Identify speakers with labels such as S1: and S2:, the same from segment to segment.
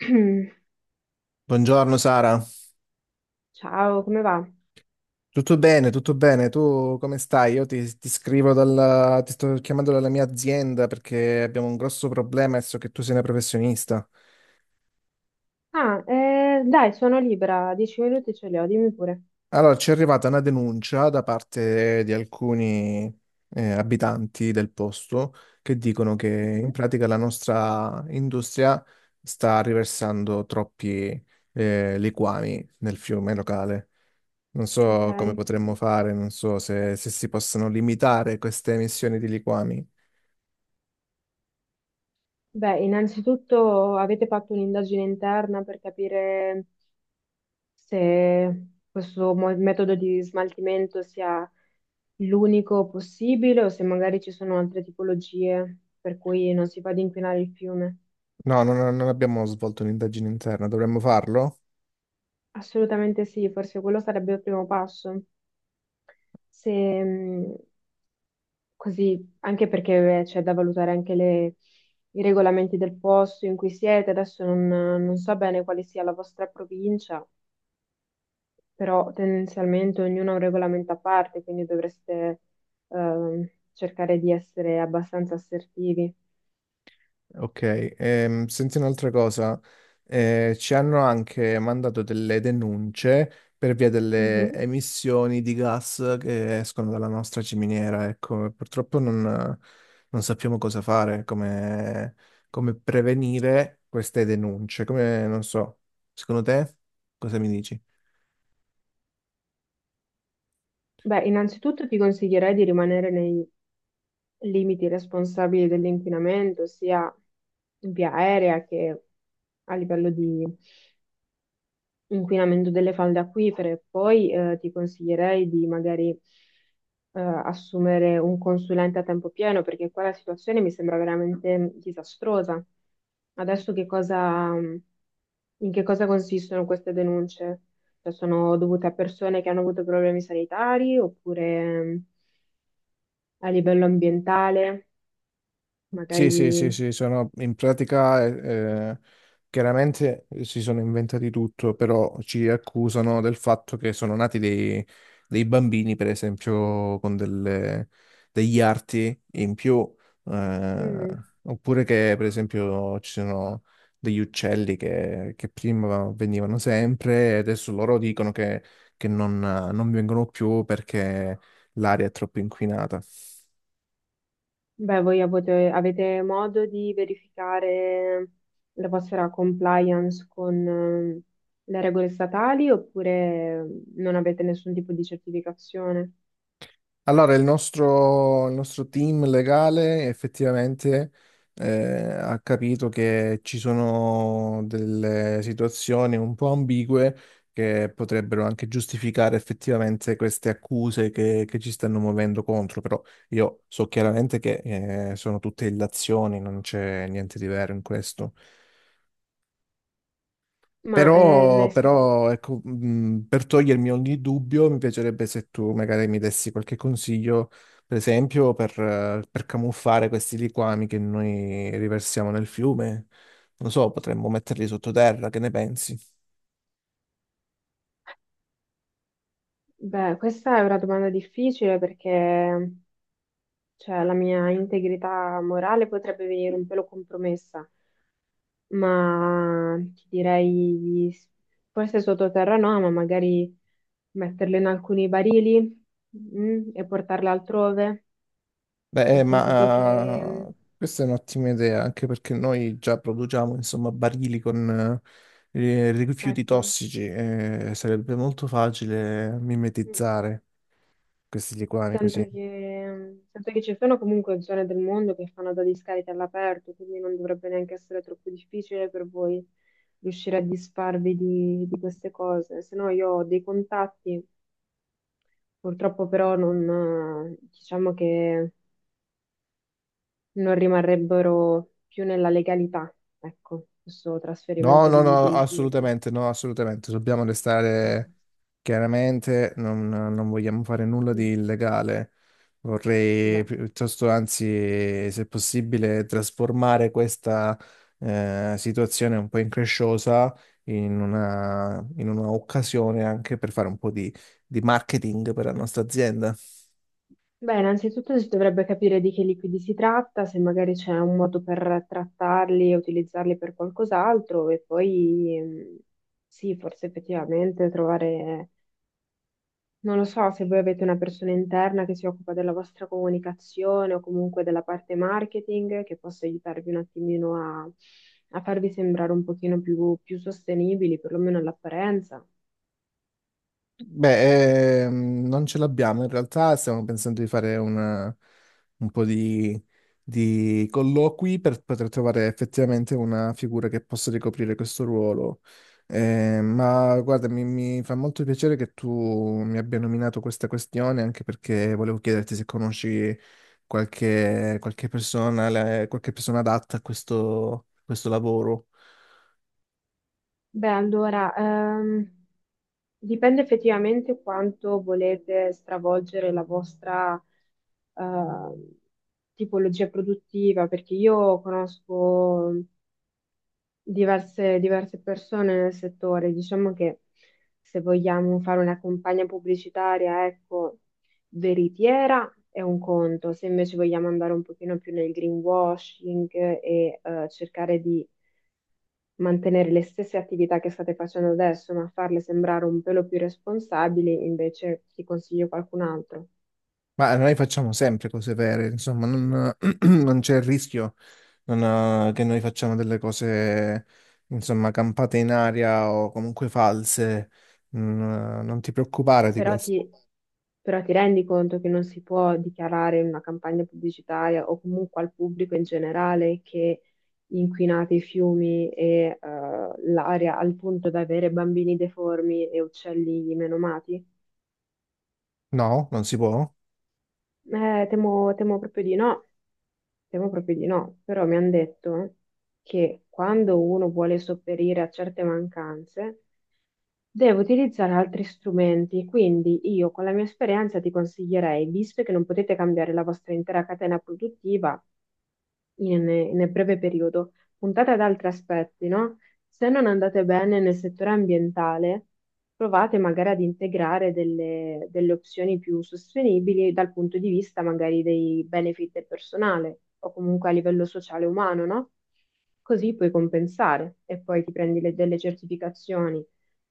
S1: Buongiorno Sara,
S2: Ciao, come va?
S1: tutto bene, tu come stai? Io ti scrivo dalla, ti sto chiamando dalla mia azienda perché abbiamo un grosso problema e so che tu sei una professionista.
S2: Ah, dai, sono libera, 10 minuti ce li ho, dimmi pure.
S1: Allora, ci è arrivata una denuncia da parte di alcuni abitanti del posto che dicono che in
S2: Mhm.
S1: pratica la nostra industria sta riversando troppi liquami nel fiume locale. Non
S2: Ok.
S1: so come potremmo fare, non so se si possono limitare queste emissioni di liquami.
S2: Beh, innanzitutto avete fatto un'indagine interna per capire se questo metodo di smaltimento sia l'unico possibile o se magari ci sono altre tipologie per cui non si fa ad inquinare il fiume.
S1: No, non abbiamo svolto un'indagine interna, dovremmo farlo?
S2: Assolutamente sì, forse quello sarebbe il primo passo. Se mh, così, anche perché c'è da valutare anche i regolamenti del posto in cui siete, adesso non so bene quale sia la vostra provincia, però tendenzialmente ognuno ha un regolamento a parte, quindi dovreste cercare di essere abbastanza assertivi.
S1: Ok, senti un'altra cosa, ci hanno anche mandato delle denunce per via delle
S2: Mhm.
S1: emissioni di gas che escono dalla nostra ciminiera, ecco, purtroppo non, non sappiamo cosa fare, come, come prevenire queste denunce, come, non so, secondo te cosa mi dici?
S2: Beh, innanzitutto ti consiglierei di rimanere nei limiti responsabili dell'inquinamento, sia in via aerea che a livello di inquinamento delle falde acquifere. Poi ti consiglierei di magari assumere un consulente a tempo pieno perché qua la situazione mi sembra veramente disastrosa. Adesso in che cosa consistono queste denunce? Cioè, sono dovute a persone che hanno avuto problemi sanitari oppure, mm, a livello ambientale,
S1: Sì, sì,
S2: magari
S1: sì, sì, sono in pratica chiaramente si sono inventati tutto, però ci accusano del fatto che sono nati dei bambini, per esempio, con delle- degli arti in più, eh,
S2: mm.
S1: oppure che, per esempio, ci sono degli uccelli che prima venivano sempre e adesso loro dicono che non vengono più perché l'aria è troppo inquinata.
S2: Beh, avete modo di verificare la vostra compliance con, le regole statali oppure non avete nessun tipo di certificazione?
S1: Allora, il nostro team legale effettivamente eh, ha capito che ci sono delle situazioni un po' ambigue che potrebbero anche giustificare effettivamente queste accuse che ci stanno muovendo contro, però io so chiaramente che sono tutte illazioni, non c'è niente di vero in questo.
S2: Ma
S1: Però, però, ecco, per togliermi ogni dubbio, mi piacerebbe se tu magari mi dessi qualche consiglio, per esempio, per camuffare questi liquami che noi riversiamo nel fiume. Non so, potremmo metterli sottoterra, che ne pensi?
S2: beh, questa è una domanda difficile perché, cioè, la mia integrità morale potrebbe venire un pelo compromessa. Ma ti direi forse sottoterra no, ma magari metterle in alcuni barili, mm, e portarle altrove. Ho
S1: Beh,
S2: sentito che, mm,
S1: ma questa è un'ottima idea, anche perché noi già produciamo, insomma, barili con rifiuti
S2: ecco,
S1: tossici e sarebbe molto facile
S2: mm,
S1: mimetizzare questi liquami così.
S2: mm, sento che ci sono comunque zone del mondo che fanno da discariche all'aperto, quindi non dovrebbe neanche essere troppo difficile per voi riuscire a disfarvi di queste cose. Se no io ho dei contatti, purtroppo però non, diciamo che non rimarrebbero più nella legalità, ecco, questo
S1: No,
S2: trasferimento
S1: no,
S2: di
S1: no,
S2: rifiuti.
S1: assolutamente, no, assolutamente. Dobbiamo
S2: Mm.
S1: restare chiaramente, non, non vogliamo fare nulla di
S2: Mm.
S1: illegale. Vorrei
S2: Beh.
S1: piuttosto, anzi, se possibile, trasformare questa situazione un po' incresciosa in una occasione anche per fare un po' di marketing per la nostra azienda.
S2: Beh, innanzitutto si dovrebbe capire di che liquidi si tratta, se magari c'è un modo per trattarli e utilizzarli per qualcos'altro, e poi, mm, sì, forse effettivamente trovare. Non lo so se voi avete una persona interna che si occupa della vostra comunicazione o comunque della parte marketing che possa aiutarvi un attimino a farvi sembrare un pochino più sostenibili, perlomeno all'apparenza.
S1: Beh, non ce l'abbiamo, in realtà stiamo pensando di fare una- un po' di colloqui per poter trovare effettivamente una figura che possa ricoprire questo ruolo. Ma guarda, mi fa molto piacere che tu mi abbia nominato questa questione, anche perché volevo chiederti se conosci qualche, qualche persona, la- qualche persona adatta a questo questo lavoro.
S2: Beh, allora, dipende effettivamente quanto volete stravolgere la vostra, eh, tipologia produttiva, perché io conosco diverse persone nel settore. Diciamo che se vogliamo fare una campagna pubblicitaria, ecco, veritiera è un conto, se invece vogliamo andare un pochino più nel greenwashing e cercare di mantenere le stesse attività che state facendo adesso, ma farle sembrare un pelo più responsabili, invece ti consiglio qualcun altro.
S1: Ma noi facciamo sempre cose vere, insomma, non, non c'è il rischio non, che noi facciamo delle cose, insomma, campate in aria o comunque false. Mm, non ti preoccupare di
S2: Però
S1: questo.
S2: ti, Però ti rendi conto che non si può dichiarare in una campagna pubblicitaria o comunque al pubblico in generale che inquinate i fiumi e, l'aria al punto da avere bambini deformi e uccelli menomati?
S1: No, non si può.
S2: Temo proprio di no, temo proprio di no. Però mi hanno detto che quando uno vuole sopperire a certe mancanze, devo utilizzare altri strumenti, quindi io con la mia esperienza ti consiglierei, visto che non potete cambiare la vostra intera catena produttiva, in- nel breve periodo, puntate ad altri aspetti, no? Se non andate bene nel settore ambientale, provate magari ad integrare delle opzioni più sostenibili dal punto di vista magari dei benefit del personale o comunque a livello sociale e umano, no? Così puoi compensare e poi ti prendi delle certificazioni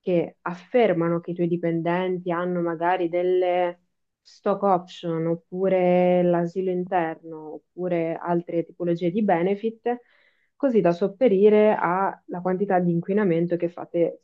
S2: che affermano che i tuoi dipendenti hanno magari delle stock option, oppure l'asilo interno, oppure altre tipologie di benefit, così da sopperire alla quantità di inquinamento che fate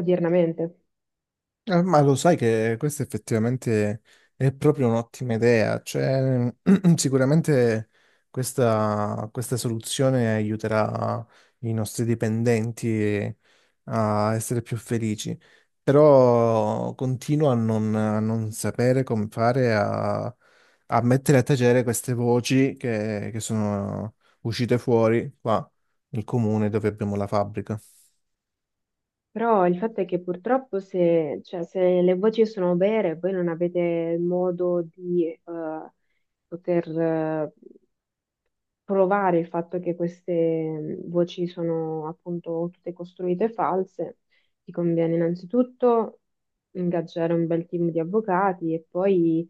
S2: odiernamente.
S1: Ma lo sai che questa effettivamente è proprio un'ottima idea, cioè sicuramente questa soluzione aiuterà i nostri dipendenti a essere più felici, però continuo a non sapere come fare a, a mettere a tacere queste voci che sono uscite fuori qua nel comune dove abbiamo la fabbrica.
S2: Però il fatto è che purtroppo se, cioè, se le voci sono vere, voi non avete modo di, poter provare il fatto che queste, voci sono appunto tutte costruite e false, ti conviene innanzitutto ingaggiare un bel team di avvocati e poi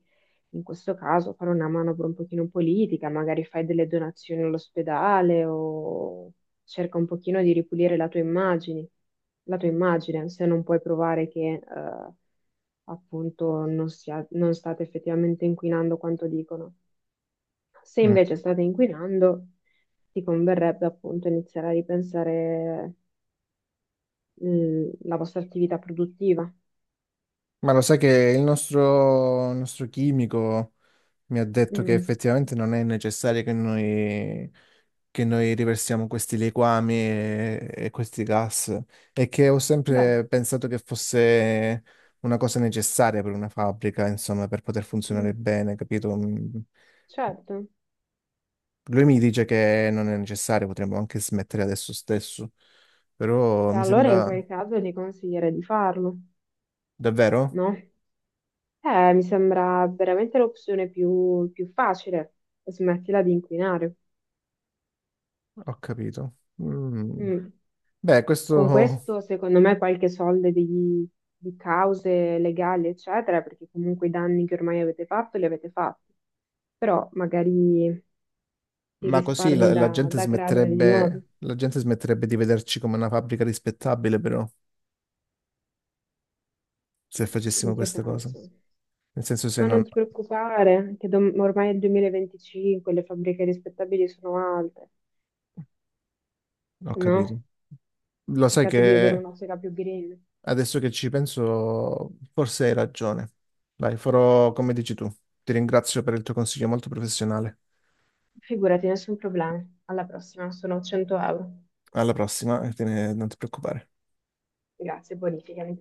S2: in questo caso fare una manovra un pochino politica, magari fai delle donazioni all'ospedale o cerca un pochino di ripulire la tua immagine, se non puoi provare che, appunto non state effettivamente inquinando quanto dicono. Se
S1: Mm.
S2: invece state inquinando, ti converrebbe appunto iniziare a ripensare, la vostra attività produttiva.
S1: Ma lo sai che il nostro chimico mi ha detto che
S2: Mm.
S1: effettivamente non è necessario che noi riversiamo questi liquami e questi gas e che ho
S2: Beh.
S1: sempre pensato che fosse una cosa necessaria per una fabbrica, insomma, per poter
S2: Mm,
S1: funzionare bene, capito? Mm.
S2: certo.
S1: Lui mi dice che non è necessario, potremmo anche smettere adesso stesso, però
S2: E
S1: mi
S2: allora in
S1: sembra
S2: quel caso ti consiglierei di farlo,
S1: davvero?
S2: no? Mi sembra veramente l'opzione più facile. Smettila di inquinare.
S1: Ho capito. Mm.
S2: Mm.
S1: Beh,
S2: Con
S1: questo...
S2: questo, secondo me, qualche soldo di cause legali, eccetera, perché comunque i danni che ormai avete fatto li avete fatti, però magari ti
S1: Ma così
S2: risparmi
S1: la gente
S2: da crearne di nuovi.
S1: smetterebbe, la gente smetterebbe di vederci come una fabbrica rispettabile, però, se
S2: In
S1: facessimo
S2: che
S1: questa cosa.
S2: senso?
S1: Nel senso se
S2: Ma
S1: non...
S2: non ti preoccupare, che ormai è il 2025, le fabbriche rispettabili sono alte,
S1: Ho capito.
S2: no?
S1: Lo sai
S2: Cercate di avere
S1: che
S2: un'ottica più green.
S1: adesso che ci penso, forse hai ragione. Dai, farò come dici tu. Ti ringrazio per il tuo consiglio molto professionale.
S2: Figurati, nessun problema. Alla prossima, sono 100 euro.
S1: Alla prossima, e te ne- non ti preoccupare.
S2: Grazie, bonificami.